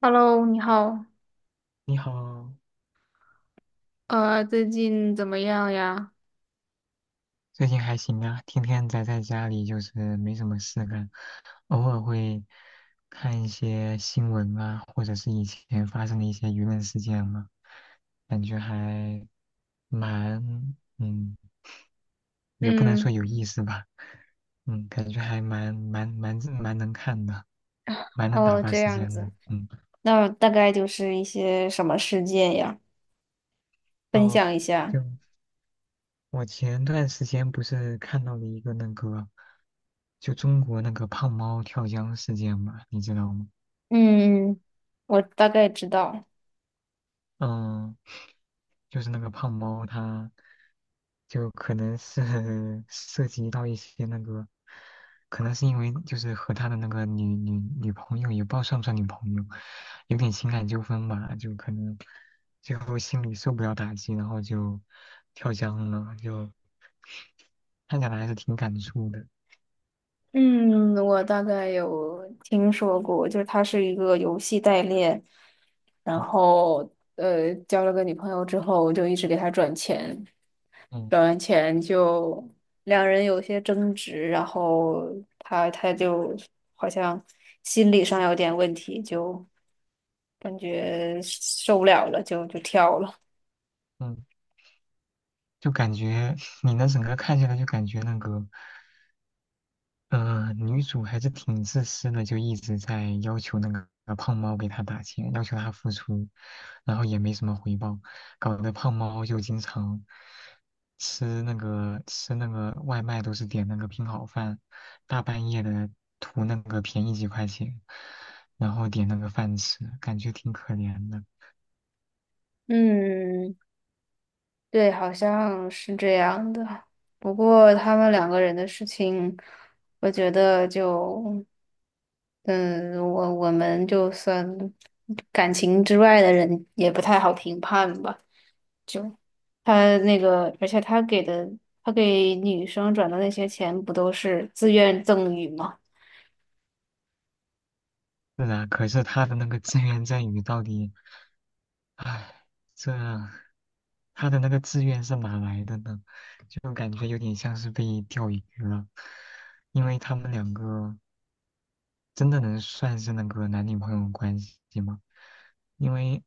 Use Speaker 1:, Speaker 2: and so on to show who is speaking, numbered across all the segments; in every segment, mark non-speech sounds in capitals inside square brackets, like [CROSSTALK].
Speaker 1: Hello，你好，
Speaker 2: 你好，
Speaker 1: 最近怎么样呀？
Speaker 2: 最近还行啊，天天宅在家里，就是没什么事干，偶尔会看一些新闻啊，或者是以前发生的一些舆论事件嘛，感觉还蛮，嗯，也不能
Speaker 1: 嗯，
Speaker 2: 说有意思吧，感觉还蛮能看的，蛮能打
Speaker 1: 哦，
Speaker 2: 发
Speaker 1: 这
Speaker 2: 时
Speaker 1: 样
Speaker 2: 间的，
Speaker 1: 子，那大概就是一些什么事件呀？分
Speaker 2: 哦，
Speaker 1: 享一下。
Speaker 2: 就我前段时间不是看到了一个那个，就中国那个胖猫跳江事件嘛，你知道吗？
Speaker 1: 嗯，我大概知道。
Speaker 2: 嗯，就是那个胖猫他就可能是 [LAUGHS] 涉及到一些那个，可能是因为就是和他的那个女朋友，也不知道算不算女朋友，有点情感纠纷吧，就可能最后心里受不了打击，然后就跳江了，就看起来还是挺感触的。
Speaker 1: 嗯，我大概有听说过，就是他是一个游戏代练，然
Speaker 2: 嗯
Speaker 1: 后交了个女朋友之后，就一直给他转钱。
Speaker 2: 嗯。
Speaker 1: 表演前就两人有些争执，然后他就好像心理上有点问题，就感觉受不了了，就跳了。
Speaker 2: 嗯就感觉你那整个看下来，就感觉那个，女主还是挺自私的，就一直在要求那个胖猫给她打钱，要求她付出，然后也没什么回报，搞得胖猫就经常吃那个外卖都是点那个拼好饭，大半夜的图那个便宜几块钱，然后点那个饭吃，感觉挺可怜的。
Speaker 1: 嗯，对，好像是这样的。不过他们两个人的事情，我觉得就，嗯，我们就算感情之外的人也不太好评判吧。他那个，而且他给的，他给女生转的那些钱不都是自愿赠与吗？
Speaker 2: 是啊，可是他的那个自愿自语到底？唉，这他的那个志愿是哪来的呢？就感觉有点像是被钓鱼了，因为他们两个真的能算是那个男女朋友关系吗？因为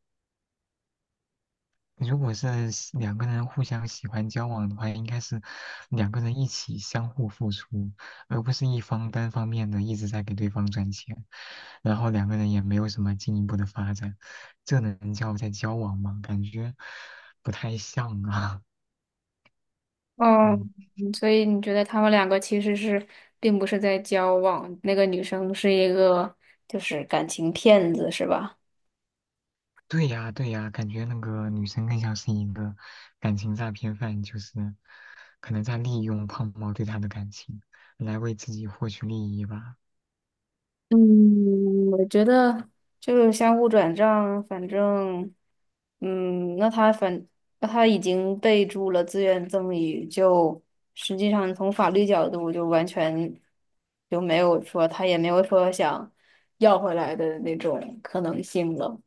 Speaker 2: 如果是两个人互相喜欢交往的话，应该是两个人一起相互付出，而不是一方单方面的一直在给对方赚钱，然后两个人也没有什么进一步的发展，这能叫在交往吗？感觉不太像啊。[LAUGHS]
Speaker 1: 哦，
Speaker 2: 嗯，
Speaker 1: 嗯所以你觉得他们两个其实是并不是在交往，那个女生是一个就是感情骗子，是吧？
Speaker 2: 对呀，对呀，感觉那个女生更像是一个感情诈骗犯，就是可能在利用胖猫对她的感情来为自己获取利益吧。
Speaker 1: 嗯，我觉得就是相互转账，反正，嗯，那他已经备注了自愿赠与，就实际上从法律角度就完全就没有说他也没有说想要回来的那种可能性了。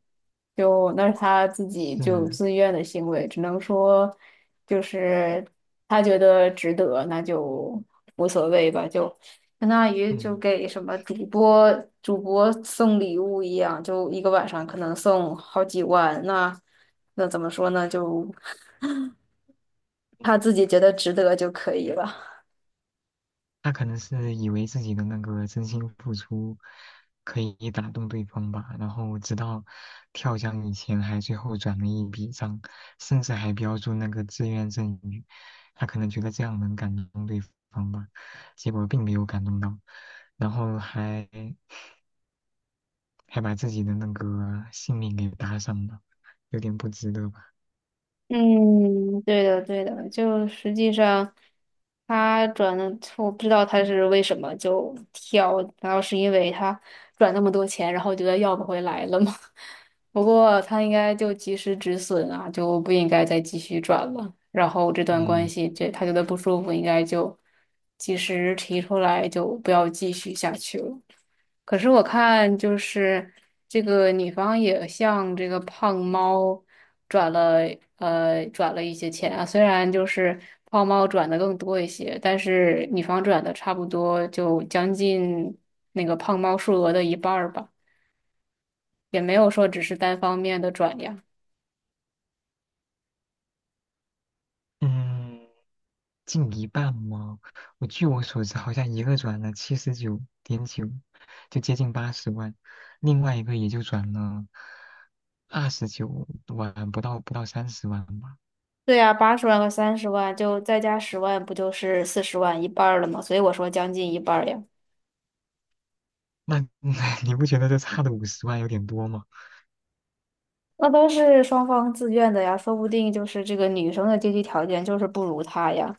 Speaker 1: 就那是他自己就
Speaker 2: 是，
Speaker 1: 自愿的行为，只能说就是他觉得值得，那就无所谓吧，就相当于就
Speaker 2: 嗯。
Speaker 1: 给什么主播送礼物一样，就一个晚上可能送好几万，那怎么说呢？就 [LAUGHS] 他自己觉得值得就可以了。
Speaker 2: 他可能是以为自己的那个真心付出可以打动对方吧，然后直到跳江以前还最后转了一笔账，甚至还标注那个自愿赠与，他可能觉得这样能感动对方吧，结果并没有感动到，然后还把自己的那个性命给搭上了，有点不值得吧？
Speaker 1: 嗯，对的，对的，就实际上他转的，我不知道他是为什么就跳，难道是因为他转那么多钱，然后觉得要不回来了吗？[LAUGHS] 不过他应该就及时止损啊，就不应该再继续转了。然后这段关
Speaker 2: 嗯，
Speaker 1: 系，这他觉得不舒服，应该就及时提出来，就不要继续下去了。可是我看就是这个女方也向这个胖猫转了转了一些钱啊，虽然就是胖猫转的更多一些，但是女方转的差不多就将近那个胖猫数额的一半儿吧，也没有说只是单方面的转呀。
Speaker 2: 嗯。近一半吗？我据我所知，好像一个转了79.9，就接近80万，另外一个也就转了29万，不到30万吧。
Speaker 1: 对呀，80万和30万，就再加十万，不就是40万，一半儿了吗？所以我说将近一半儿呀。
Speaker 2: 那 [LAUGHS] 你不觉得这差的50万有点多吗？
Speaker 1: 那都是双方自愿的呀，说不定就是这个女生的经济条件就是不如他呀，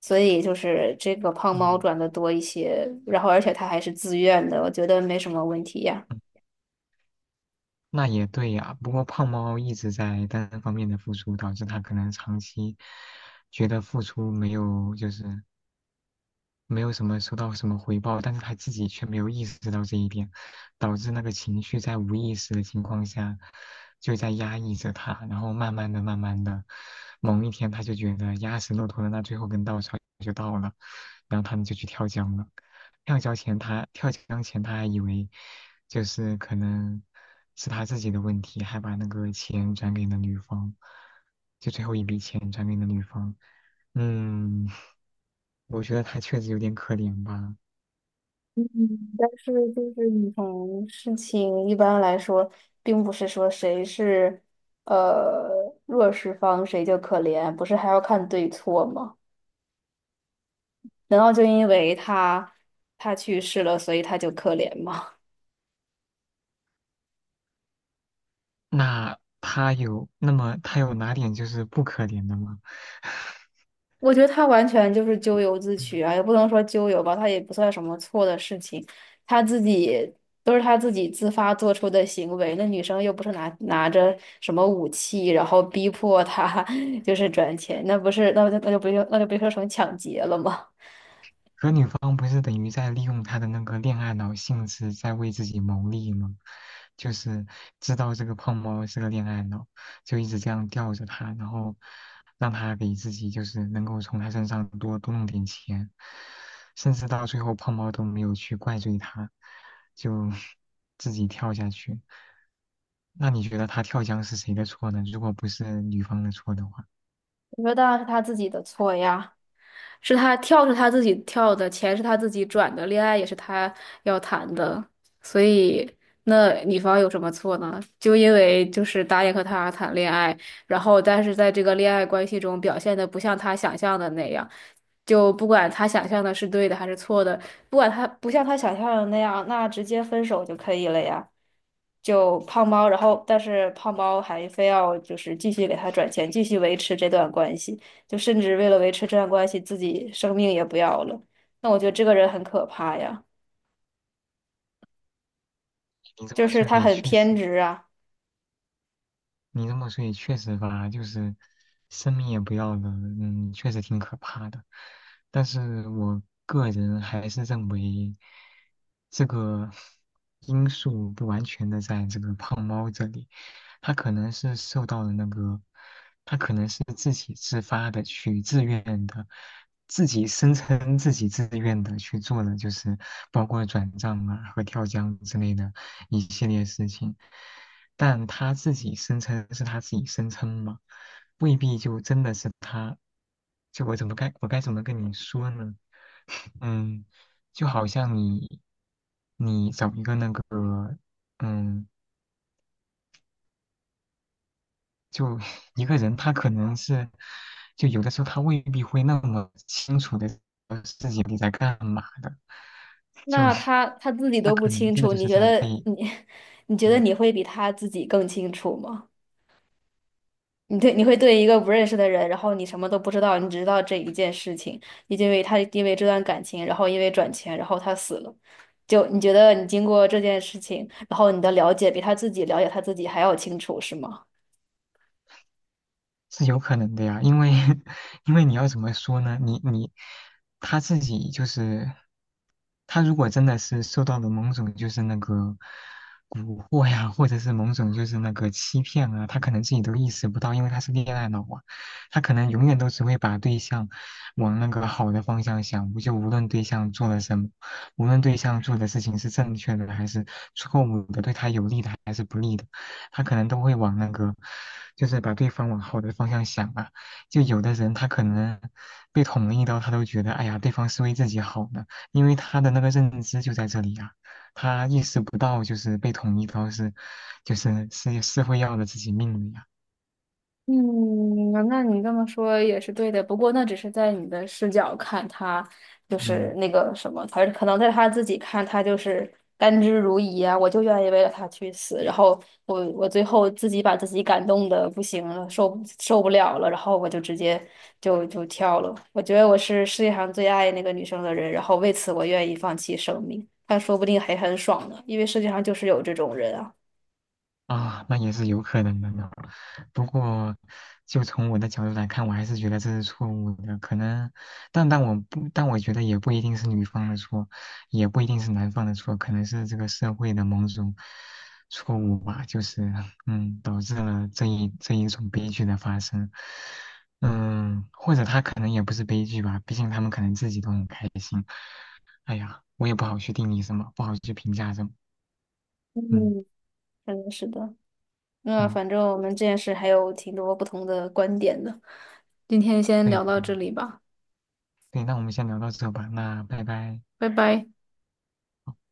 Speaker 1: 所以就是这个胖猫
Speaker 2: 嗯，
Speaker 1: 赚的多一些，然后而且他还是自愿的，我觉得没什么问题呀。
Speaker 2: 嗯那也对呀。不过胖猫一直在单方面的付出，导致他可能长期觉得付出没有就是没有什么收到什么回报，但是他自己却没有意识到这一点，导致那个情绪在无意识的情况下就在压抑着他，然后慢慢的、慢慢的，某一天他就觉得压死骆驼的那最后根稻草就到了，然后他们就去跳江了。跳江前他还以为就是可能是他自己的问题，还把那个钱转给了女方，就最后一笔钱转给了女方。嗯，我觉得他确实有点可怜吧。
Speaker 1: 嗯，但是就是你从事情一般来说，并不是说谁是呃弱势方谁就可怜，不是还要看对错吗？难道就因为他去世了，所以他就可怜吗？
Speaker 2: 那么他有哪点就是不可怜的吗？
Speaker 1: 我觉得他完全就是咎由自取
Speaker 2: 嗯
Speaker 1: 啊，也不能说咎由吧，他也不算什么错的事情，他自己都是他自己自发做出的行为。那女生又不是拿着什么武器，然后逼迫他 [LAUGHS] 就是转钱，那不是那就那就不就那就被说成抢劫了吗？
Speaker 2: 可女方不是等于在利用他的那个恋爱脑性质在为自己谋利吗？就是知道这个胖猫是个恋爱脑，就一直这样吊着他，然后让他给自己就是能够从他身上多多弄点钱，甚至到最后胖猫都没有去怪罪他，就 [LAUGHS] 自己跳下去。那你觉得他跳江是谁的错呢？如果不是女方的错的话，
Speaker 1: [LAUGHS] 我觉得当然是他自己的错呀。是他跳是他自己跳的，钱是他自己转的，恋爱也是他要谈的，所以那女方有什么错呢？就因为就是答应和他谈恋爱，然后但是在这个恋爱关系中表现的不像他想象的那样，就不管他想象的是对的还是错的，不管他不像他想象的那样，那直接分手就可以了呀。就胖猫，然后但是胖猫还非要就是继续给他转钱，继续维持这段关系。就甚至为了维持这段关系，自己生命也不要了。那我觉得这个人很可怕呀，
Speaker 2: 你这
Speaker 1: 就
Speaker 2: 么
Speaker 1: 是
Speaker 2: 说
Speaker 1: 他
Speaker 2: 也
Speaker 1: 很
Speaker 2: 确实。
Speaker 1: 偏执啊。
Speaker 2: 你这么说也确实吧，就是生命也不要了，确实挺可怕的。但是我个人还是认为，这个因素不完全的在这个胖猫这里，他可能是受到了那个，他可能是自己自发的去自愿的，自己声称自己自愿的去做的，就是包括转账啊和跳江之类的一系列事情。但他自己声称是他自己声称嘛，未必就真的是他。就我该怎么跟你说呢？嗯，就好像你找一个那个嗯，就 [LAUGHS] 一个人，他可能是就有的时候他未必会那么清楚的自己你在干嘛的，就
Speaker 1: 那
Speaker 2: [LAUGHS]
Speaker 1: 他自己
Speaker 2: 那
Speaker 1: 都不
Speaker 2: 可能
Speaker 1: 清
Speaker 2: 真的
Speaker 1: 楚，
Speaker 2: 就
Speaker 1: 你
Speaker 2: 是
Speaker 1: 觉
Speaker 2: 在
Speaker 1: 得
Speaker 2: 被。
Speaker 1: 你 [LAUGHS]，你觉得
Speaker 2: 嗯
Speaker 1: 你会比他自己更清楚吗？你对你会对一个不认识的人，然后你什么都不知道，你只知道这一件事情，你就因为他因为这段感情，然后因为转钱，然后他死了。就你觉得你经过这件事情，然后你的了解比他自己了解他自己还要清楚，是吗？
Speaker 2: 是有可能的呀，因为 [LAUGHS] 因为你要怎么说呢？你他自己就是他如果真的是受到了某种就是那个蛊惑呀，或者是某种就是那个欺骗啊，他可能自己都意识不到，因为他是恋爱脑啊，他可能永远都只会把对象往那个好的方向想，就无论对象做了什么，无论对象做的事情是正确的还是错误的，对他有利的还是不利的。他可能都会往那个，就是把对方往好的方向想啊。就有的人他可能被捅了一刀，他都觉得哎呀，对方是为自己好的，因为他的那个认知就在这里啊，他意识不到就是被捅一刀是，就是是会要了自己命的呀。
Speaker 1: 嗯，那你这么说也是对的，不过那只是在你的视角看他，就是
Speaker 2: 嗯。
Speaker 1: 那个什么，他可能在他自己看他就是甘之如饴啊，我就愿意为了他去死，然后我最后自己把自己感动的不行了，受不了了，然后我就直接跳了。我觉得我是世界上最爱那个女生的人，然后为此我愿意放弃生命，但说不定还很爽呢，因为世界上就是有这种人啊。
Speaker 2: 啊，那也是有可能的呢。不过，就从我的角度来看，我还是觉得这是错误的。可能，但我觉得也不一定是女方的错，也不一定是男方的错，可能是这个社会的某种错误吧，就是导致了这一种悲剧的发生。嗯，或者他可能也不是悲剧吧，毕竟他们可能自己都很开心。哎呀，我也不好去定义什么，不好去评价什么。嗯
Speaker 1: 嗯，真的是的。那
Speaker 2: 嗯，
Speaker 1: 反正我们这件事还有挺多不同的观点的，今天先
Speaker 2: 对
Speaker 1: 聊
Speaker 2: 的
Speaker 1: 到
Speaker 2: 对的。
Speaker 1: 这里吧，
Speaker 2: 对，那我们先聊到这吧，那拜拜。
Speaker 1: 拜拜。